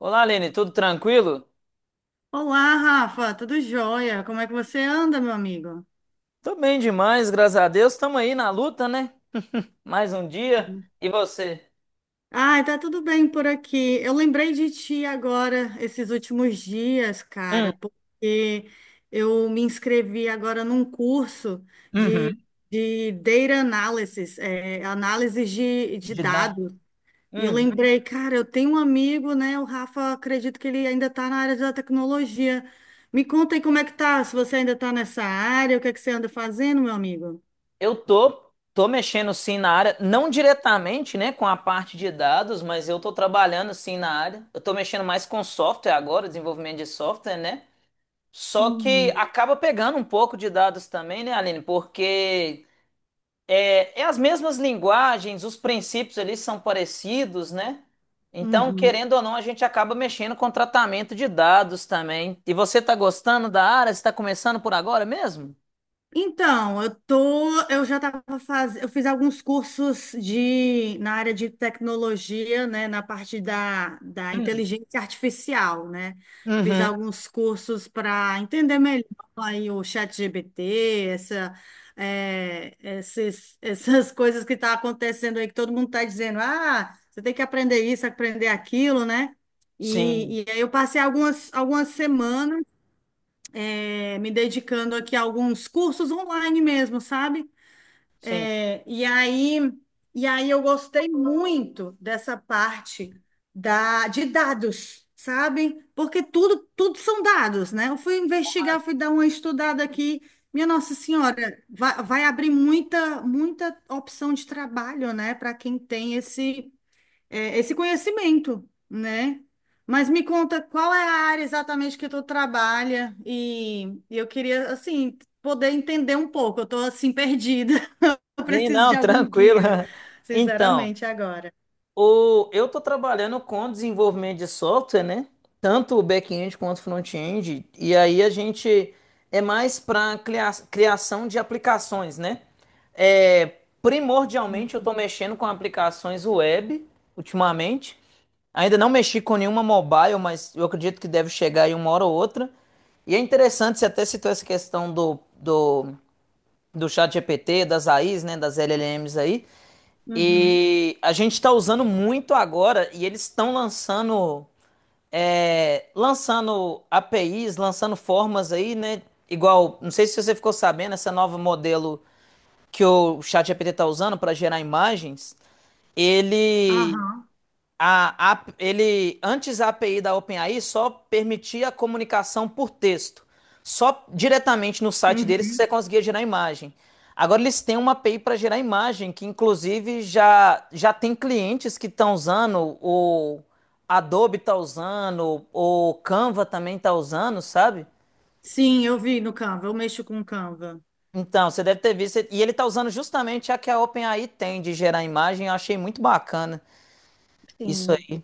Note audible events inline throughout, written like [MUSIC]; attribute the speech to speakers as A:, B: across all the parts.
A: Olá, Aline, tudo tranquilo?
B: Olá, Rafa, tudo jóia? Como é que você anda, meu amigo?
A: Tô bem demais, graças a Deus. Estamos aí na luta, né? Mais um dia. E você?
B: Ai, tá tudo bem por aqui. Eu lembrei de ti agora, esses últimos dias,
A: Hum,
B: cara, porque eu me inscrevi agora num curso de,
A: uhum.
B: de Data Analysis, análise de
A: De dar.
B: dados. E eu
A: Uhum.
B: lembrei, cara, eu tenho um amigo, né? O Rafa, acredito que ele ainda está na área da tecnologia. Me conta aí como é que tá, se você ainda está nessa área, o que é que você anda fazendo, meu amigo?
A: Eu tô mexendo sim na área, não diretamente, né, com a parte de dados, mas eu tô trabalhando sim na área. Eu tô mexendo mais com software agora, desenvolvimento de software, né? Só que
B: Hum.
A: acaba pegando um pouco de dados também, né, Aline? Porque é as mesmas linguagens, os princípios ali são parecidos, né? Então,
B: Uhum.
A: querendo ou não, a gente acaba mexendo com tratamento de dados também. E você está gostando da área? Você está começando por agora mesmo?
B: Então, eu já estava fazendo, eu fiz alguns cursos de na área de tecnologia, né, na parte da
A: Hum.
B: inteligência artificial, né? Fiz
A: Uhum.
B: alguns cursos para entender melhor aí o ChatGPT, essa, essas [LAUGHS] coisas que tá acontecendo aí que todo mundo está dizendo, ah, você tem que aprender isso, aprender aquilo, né?
A: Sim,
B: E aí eu passei algumas semanas me dedicando aqui a alguns cursos online mesmo, sabe?
A: sim.
B: É, e aí, e aí eu gostei muito dessa parte de dados, sabe? Porque tudo são dados, né? Eu fui investigar, fui dar uma estudada aqui. Minha Nossa Senhora, vai abrir muita opção de trabalho, né, para quem tem esse conhecimento, né? Mas me conta qual é a área exatamente que tu trabalha e eu queria, assim, poder entender um pouco. Eu tô, assim, perdida. [LAUGHS] Eu
A: Sim,
B: preciso de
A: não,
B: algum
A: tranquilo.
B: guia,
A: [LAUGHS] Então,
B: sinceramente, agora.
A: Eu estou trabalhando com desenvolvimento de software, né? Tanto o back-end quanto o front-end. E aí a gente é mais para criação de aplicações, né? É, primordialmente eu estou mexendo com aplicações web ultimamente. Ainda não mexi com nenhuma mobile, mas eu acredito que deve chegar aí uma hora ou outra. E é interessante, você até citou essa questão do chat GPT, das AIs, né? Das LLMs aí.
B: Uhum.
A: E a gente está usando muito agora e eles estão lançando, lançando APIs, lançando formas aí, né? Igual, não sei se você ficou sabendo, essa nova modelo que o ChatGPT está usando para gerar imagens, ele
B: Aham.
A: ele, antes a API da OpenAI só permitia a comunicação por texto, só diretamente no site deles que
B: Uhum.
A: você conseguia gerar imagem. Agora eles têm uma API para gerar imagem, que inclusive já tem clientes que estão usando, o Adobe está usando, o Canva também está usando, sabe?
B: Sim, eu vi no Canva, eu mexo com Canva.
A: Então, você deve ter visto, e ele está usando justamente a que a OpenAI tem de gerar imagem, eu achei muito bacana isso
B: Sim.
A: aí.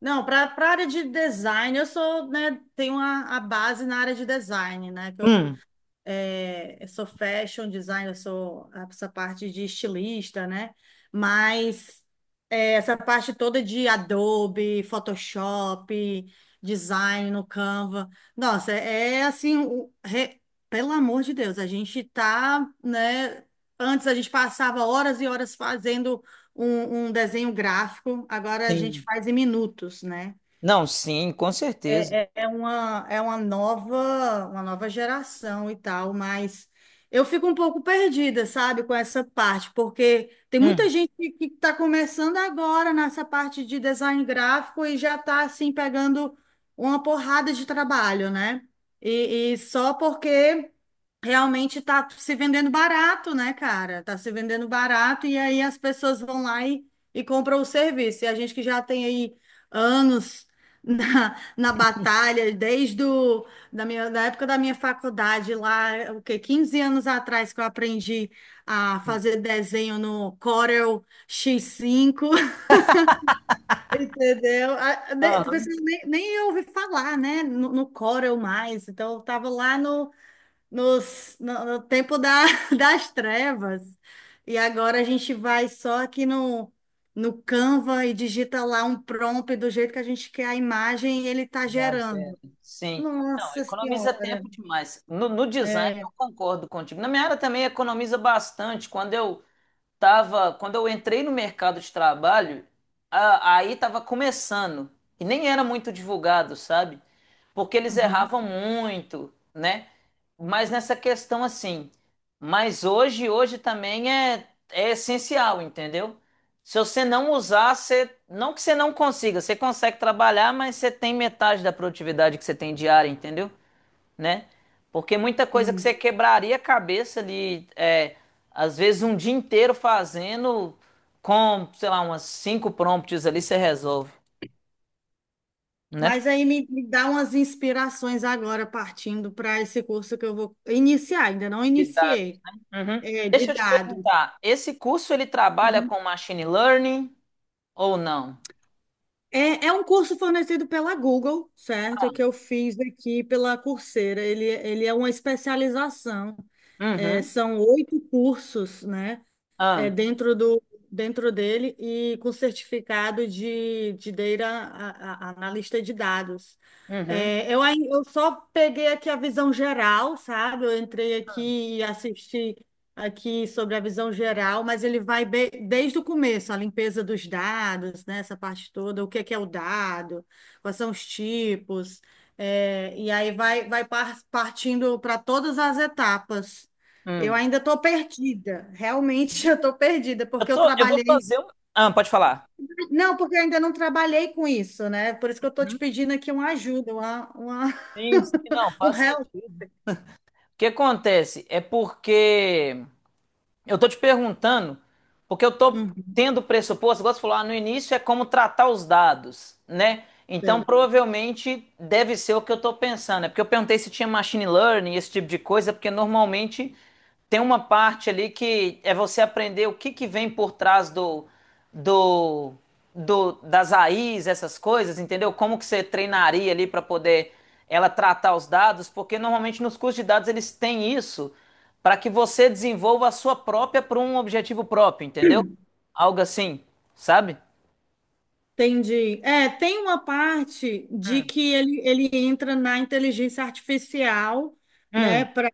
B: Não, para a área de design, eu sou, né, tenho a base na área de design, né, que
A: Hum,
B: eu sou fashion designer, eu sou essa parte de estilista, né? Mas essa parte toda de Adobe, Photoshop, design no Canva, nossa, é assim, pelo amor de Deus, a gente tá, né? Antes a gente passava horas e horas fazendo um desenho gráfico, agora a gente
A: sim.
B: faz em minutos, né?
A: Não, sim, com certeza.
B: É uma nova geração e tal, mas eu fico um pouco perdida, sabe, com essa parte, porque tem
A: Hum.
B: muita gente que está começando agora nessa parte de design gráfico e já está assim pegando uma porrada de trabalho, né? E só porque realmente tá se vendendo barato, né, cara? Tá se vendendo barato e aí as pessoas vão lá e compram o serviço. E a gente que já tem aí anos [LAUGHS] na batalha, desde o, da minha, da época da minha faculdade lá, o quê? 15 anos atrás que eu aprendi a fazer desenho no Corel X5, [LAUGHS] entendeu?
A: Aham.
B: Pessoas nem ouvi falar, né? No Corel mais. Então, eu tava lá no, nos, no, no tempo da, [LAUGHS] das trevas. E agora a gente vai só aqui no Canva e digita lá um prompt do jeito que a gente quer a imagem e ele está
A: Já as veras.
B: gerando.
A: Sim. Não,
B: Nossa
A: economiza
B: Senhora!
A: tempo demais. No design eu
B: É,
A: concordo contigo. Na minha área também economiza bastante. Quando eu entrei no mercado de trabalho, aí estava começando e nem era muito divulgado, sabe? Porque eles
B: uhum,
A: erravam muito, né? Mas nessa questão assim, mas hoje, hoje também é essencial, entendeu? Se você não usar, você, não que você não consiga, você consegue trabalhar, mas você tem metade da produtividade que você tem diária, entendeu? Né? Porque muita coisa que você
B: sim.
A: quebraria a cabeça ali, às vezes um dia inteiro fazendo, com, sei lá, umas cinco prompts ali, você resolve, né?
B: Mas aí me dá umas inspirações agora, partindo para esse curso que eu vou iniciar, ainda não iniciei,
A: Uhum.
B: é, de
A: Deixa eu te
B: dado
A: perguntar, esse curso ele trabalha com machine learning ou não?
B: é é um curso fornecido pela Google, certo?
A: Ah,
B: Que eu fiz aqui pela Coursera. Ele é uma especialização. É,
A: uhum,
B: são 8 cursos, né? é,
A: ah,
B: dentro do, dentro dele e com certificado de data analista de dados.
A: uhum,
B: Eu só peguei aqui a visão geral, sabe? Eu entrei aqui e assisti aqui sobre a visão geral, mas desde o começo, a limpeza dos dados, né? Essa parte toda, o que é o dado, quais são os tipos, e aí partindo para todas as etapas. Eu
A: hum.
B: ainda estou perdida, realmente [LAUGHS] eu estou perdida, porque eu
A: Eu vou
B: trabalhei.
A: fazer um. Ah, pode falar.
B: Não, porque eu ainda não trabalhei com isso, né? Por isso que eu estou te pedindo aqui uma ajuda,
A: Sim, sim, não,
B: [LAUGHS] um
A: faz
B: help.
A: sentido. O que acontece é porque eu tô te perguntando, porque eu tô
B: Hum,
A: tendo pressuposto, igual você falou, ah, no início é como tratar os dados, né? Então
B: é.
A: provavelmente deve ser o que eu tô pensando. É porque eu perguntei se tinha machine learning, esse tipo de coisa, porque normalmente tem uma parte ali que é você aprender o que que vem por trás do, do das AIs, essas coisas, entendeu? Como que você treinaria ali para poder ela tratar os dados, porque normalmente nos cursos de dados eles têm isso para que você desenvolva a sua própria para um objetivo próprio, entendeu? Algo assim, sabe?
B: Entendi. É, tem uma parte de
A: Hum,
B: que ele entra na inteligência artificial, né,
A: hum,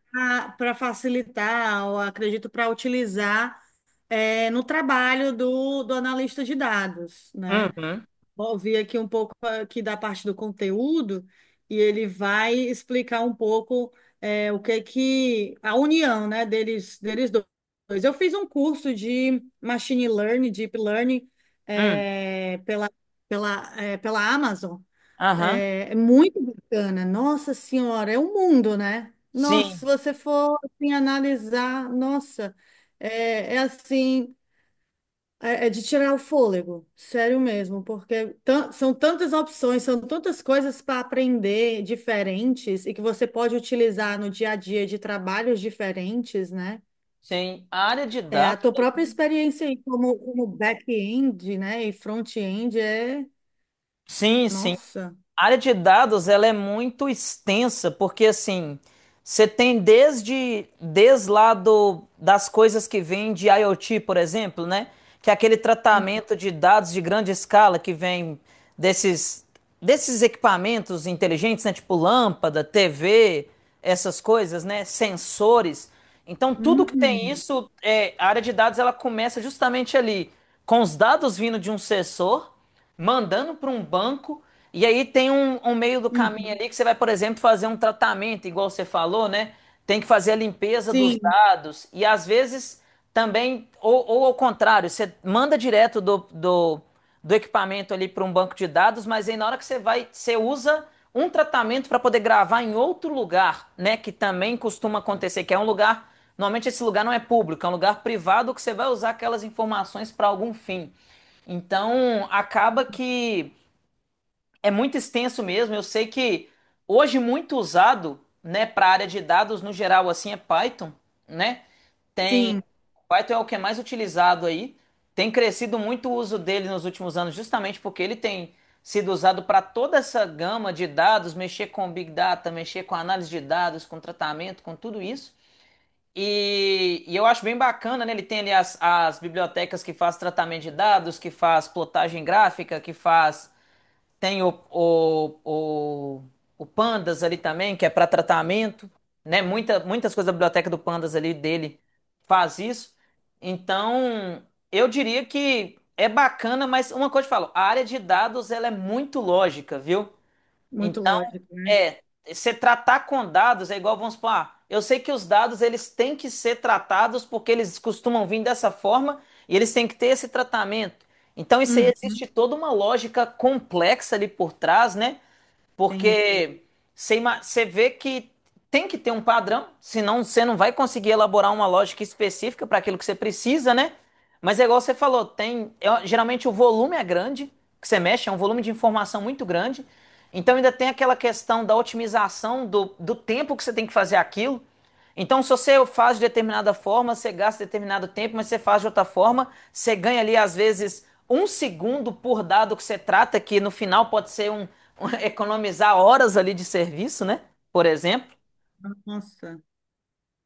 B: para facilitar, ou acredito, para utilizar no trabalho do analista de dados, né?
A: uhum,
B: Vou ouvir aqui um pouco aqui da parte do conteúdo e ele vai explicar um pouco o que que a união, né, deles dois. Eu fiz um curso de machine learning, deep learning
A: hum,
B: é, pela, pela Amazon.
A: aham.
B: É, é muito bacana. Nossa Senhora, é um mundo, né? Nossa, se
A: Sim,
B: você for assim, analisar, nossa, é assim. É de tirar o fôlego, sério mesmo, porque são tantas opções, são tantas coisas para aprender diferentes e que você pode utilizar no dia a dia de trabalhos diferentes, né?
A: sim. A área de
B: É, a
A: dados.
B: tua própria experiência aí como back-end, né, e front-end é,
A: Sim, sim.
B: nossa.
A: A área de dados ela é muito extensa, porque assim, você tem desde lá das coisas que vêm de IoT, por exemplo, né? Que é aquele tratamento de dados de grande escala que vem desses, desses equipamentos inteligentes, né? Tipo lâmpada, TV, essas coisas, né? Sensores. Então, tudo que tem
B: Uhum.
A: isso, a área de dados ela começa justamente ali, com os dados vindo de um sensor mandando para um banco, e aí tem um meio do caminho
B: Uhum.
A: ali que você vai, por exemplo, fazer um tratamento, igual você falou, né? Tem que fazer a limpeza dos
B: Sim,
A: dados, e às vezes também, ou ao contrário, você manda direto do equipamento ali para um banco de dados, mas aí na hora que você vai, você usa um tratamento para poder gravar em outro lugar, né? Que também costuma acontecer, que é um lugar. Normalmente esse lugar não é público, é um lugar privado que você vai usar aquelas informações para algum fim. Então, acaba que é muito extenso mesmo. Eu sei que hoje muito usado, né, para área de dados no geral assim é Python, né?
B: sim,
A: Python é o que é mais utilizado aí. Tem crescido muito o uso dele nos últimos anos, justamente porque ele tem sido usado para toda essa gama de dados, mexer com Big Data, mexer com análise de dados, com tratamento, com tudo isso. E eu acho bem bacana, né? Ele tem ali as bibliotecas que faz tratamento de dados, que faz plotagem gráfica, que faz Tem o, o Pandas ali também, que é para tratamento, né? Muitas coisas da biblioteca do Pandas ali dele faz isso. Então, eu diria que é bacana, mas uma coisa eu te falo, a área de dados ela é muito lógica, viu?
B: muito lógico, né?
A: É, você tratar com dados é igual, vamos supor, ah, eu sei que os dados eles têm que ser tratados porque eles costumam vir dessa forma e eles têm que ter esse tratamento. Então, isso aí existe
B: Uhum.
A: toda uma lógica complexa ali por trás, né?
B: Entendi.
A: Porque você vê que tem que ter um padrão, senão você não vai conseguir elaborar uma lógica específica para aquilo que você precisa, né? Mas é igual você falou, tem, geralmente o volume é grande, que você mexe, é um volume de informação muito grande. Então ainda tem aquela questão da otimização do tempo que você tem que fazer aquilo. Então, se você faz de determinada forma, você gasta determinado tempo, mas você faz de outra forma, você ganha ali, às vezes, um segundo por dado que você trata, que no final pode ser um, [LAUGHS] economizar horas ali de serviço, né? Por exemplo.
B: Nossa.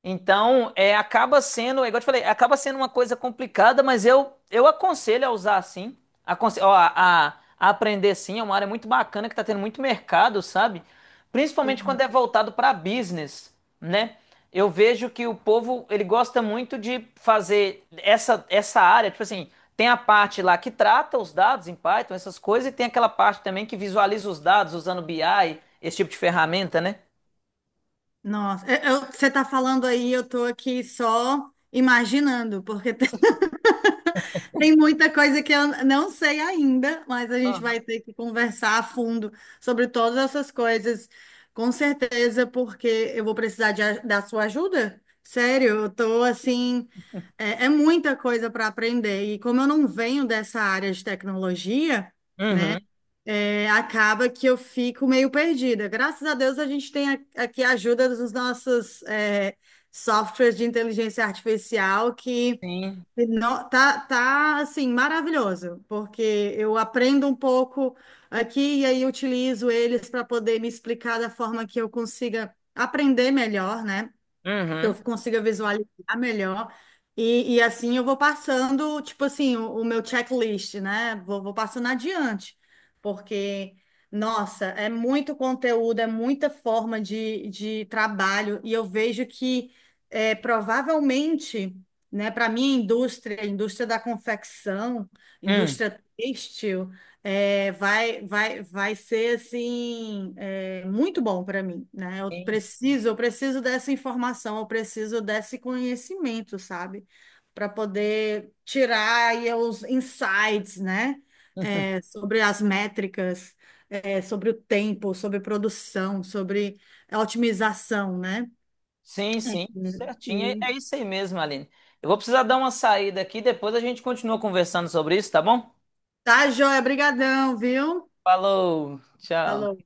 A: Então, acaba sendo, é igual eu te falei, acaba sendo uma coisa complicada, mas eu aconselho a usar sim, aconselho, ó, a aprender sim, é uma área muito bacana que está tendo muito mercado, sabe? Principalmente
B: Sim.
A: quando é voltado para business, né? Eu vejo que o povo, ele gosta muito de fazer essa área, tipo assim, tem a parte lá que trata os dados em Python, essas coisas, e tem aquela parte também que visualiza os dados usando BI, esse tipo de ferramenta, né?
B: Nossa, você está falando aí, eu estou aqui só imaginando, porque tem, [LAUGHS] tem muita coisa que eu não sei ainda, mas a gente vai ter que conversar a fundo sobre todas essas coisas, com certeza, porque eu vou precisar da sua ajuda. Sério, eu estou assim, é muita coisa para aprender, e como eu não venho dessa área de tecnologia, né?
A: Uhum,
B: É, acaba que eu fico meio perdida. Graças a Deus a gente tem aqui a ajuda dos nossos softwares de inteligência artificial que
A: sim.
B: tá, tá assim maravilhoso, porque eu aprendo um pouco aqui e aí utilizo eles para poder me explicar da forma que eu consiga aprender melhor, né? Que eu
A: Uhum.
B: consiga visualizar melhor. E assim eu vou passando, tipo assim, o meu checklist, né? Vou passando adiante, porque, nossa, é muito conteúdo, é muita forma de trabalho, e eu vejo que é, provavelmente, né, para minha indústria, indústria da confecção,
A: Uhum.
B: indústria têxtil, vai ser muito bom para mim, né?
A: Sim,
B: Eu preciso dessa informação, eu preciso desse conhecimento, sabe? Para poder tirar aí os insights, né?
A: [LAUGHS]
B: Sobre as métricas, sobre o tempo, sobre produção, sobre a otimização, né?
A: sim, sim, certinho. É
B: E
A: é isso aí mesmo, Aline. Eu vou precisar dar uma saída aqui, depois a gente continua conversando sobre isso, tá bom?
B: tá, joia, brigadão, viu?
A: Falou, tchau.
B: Falou.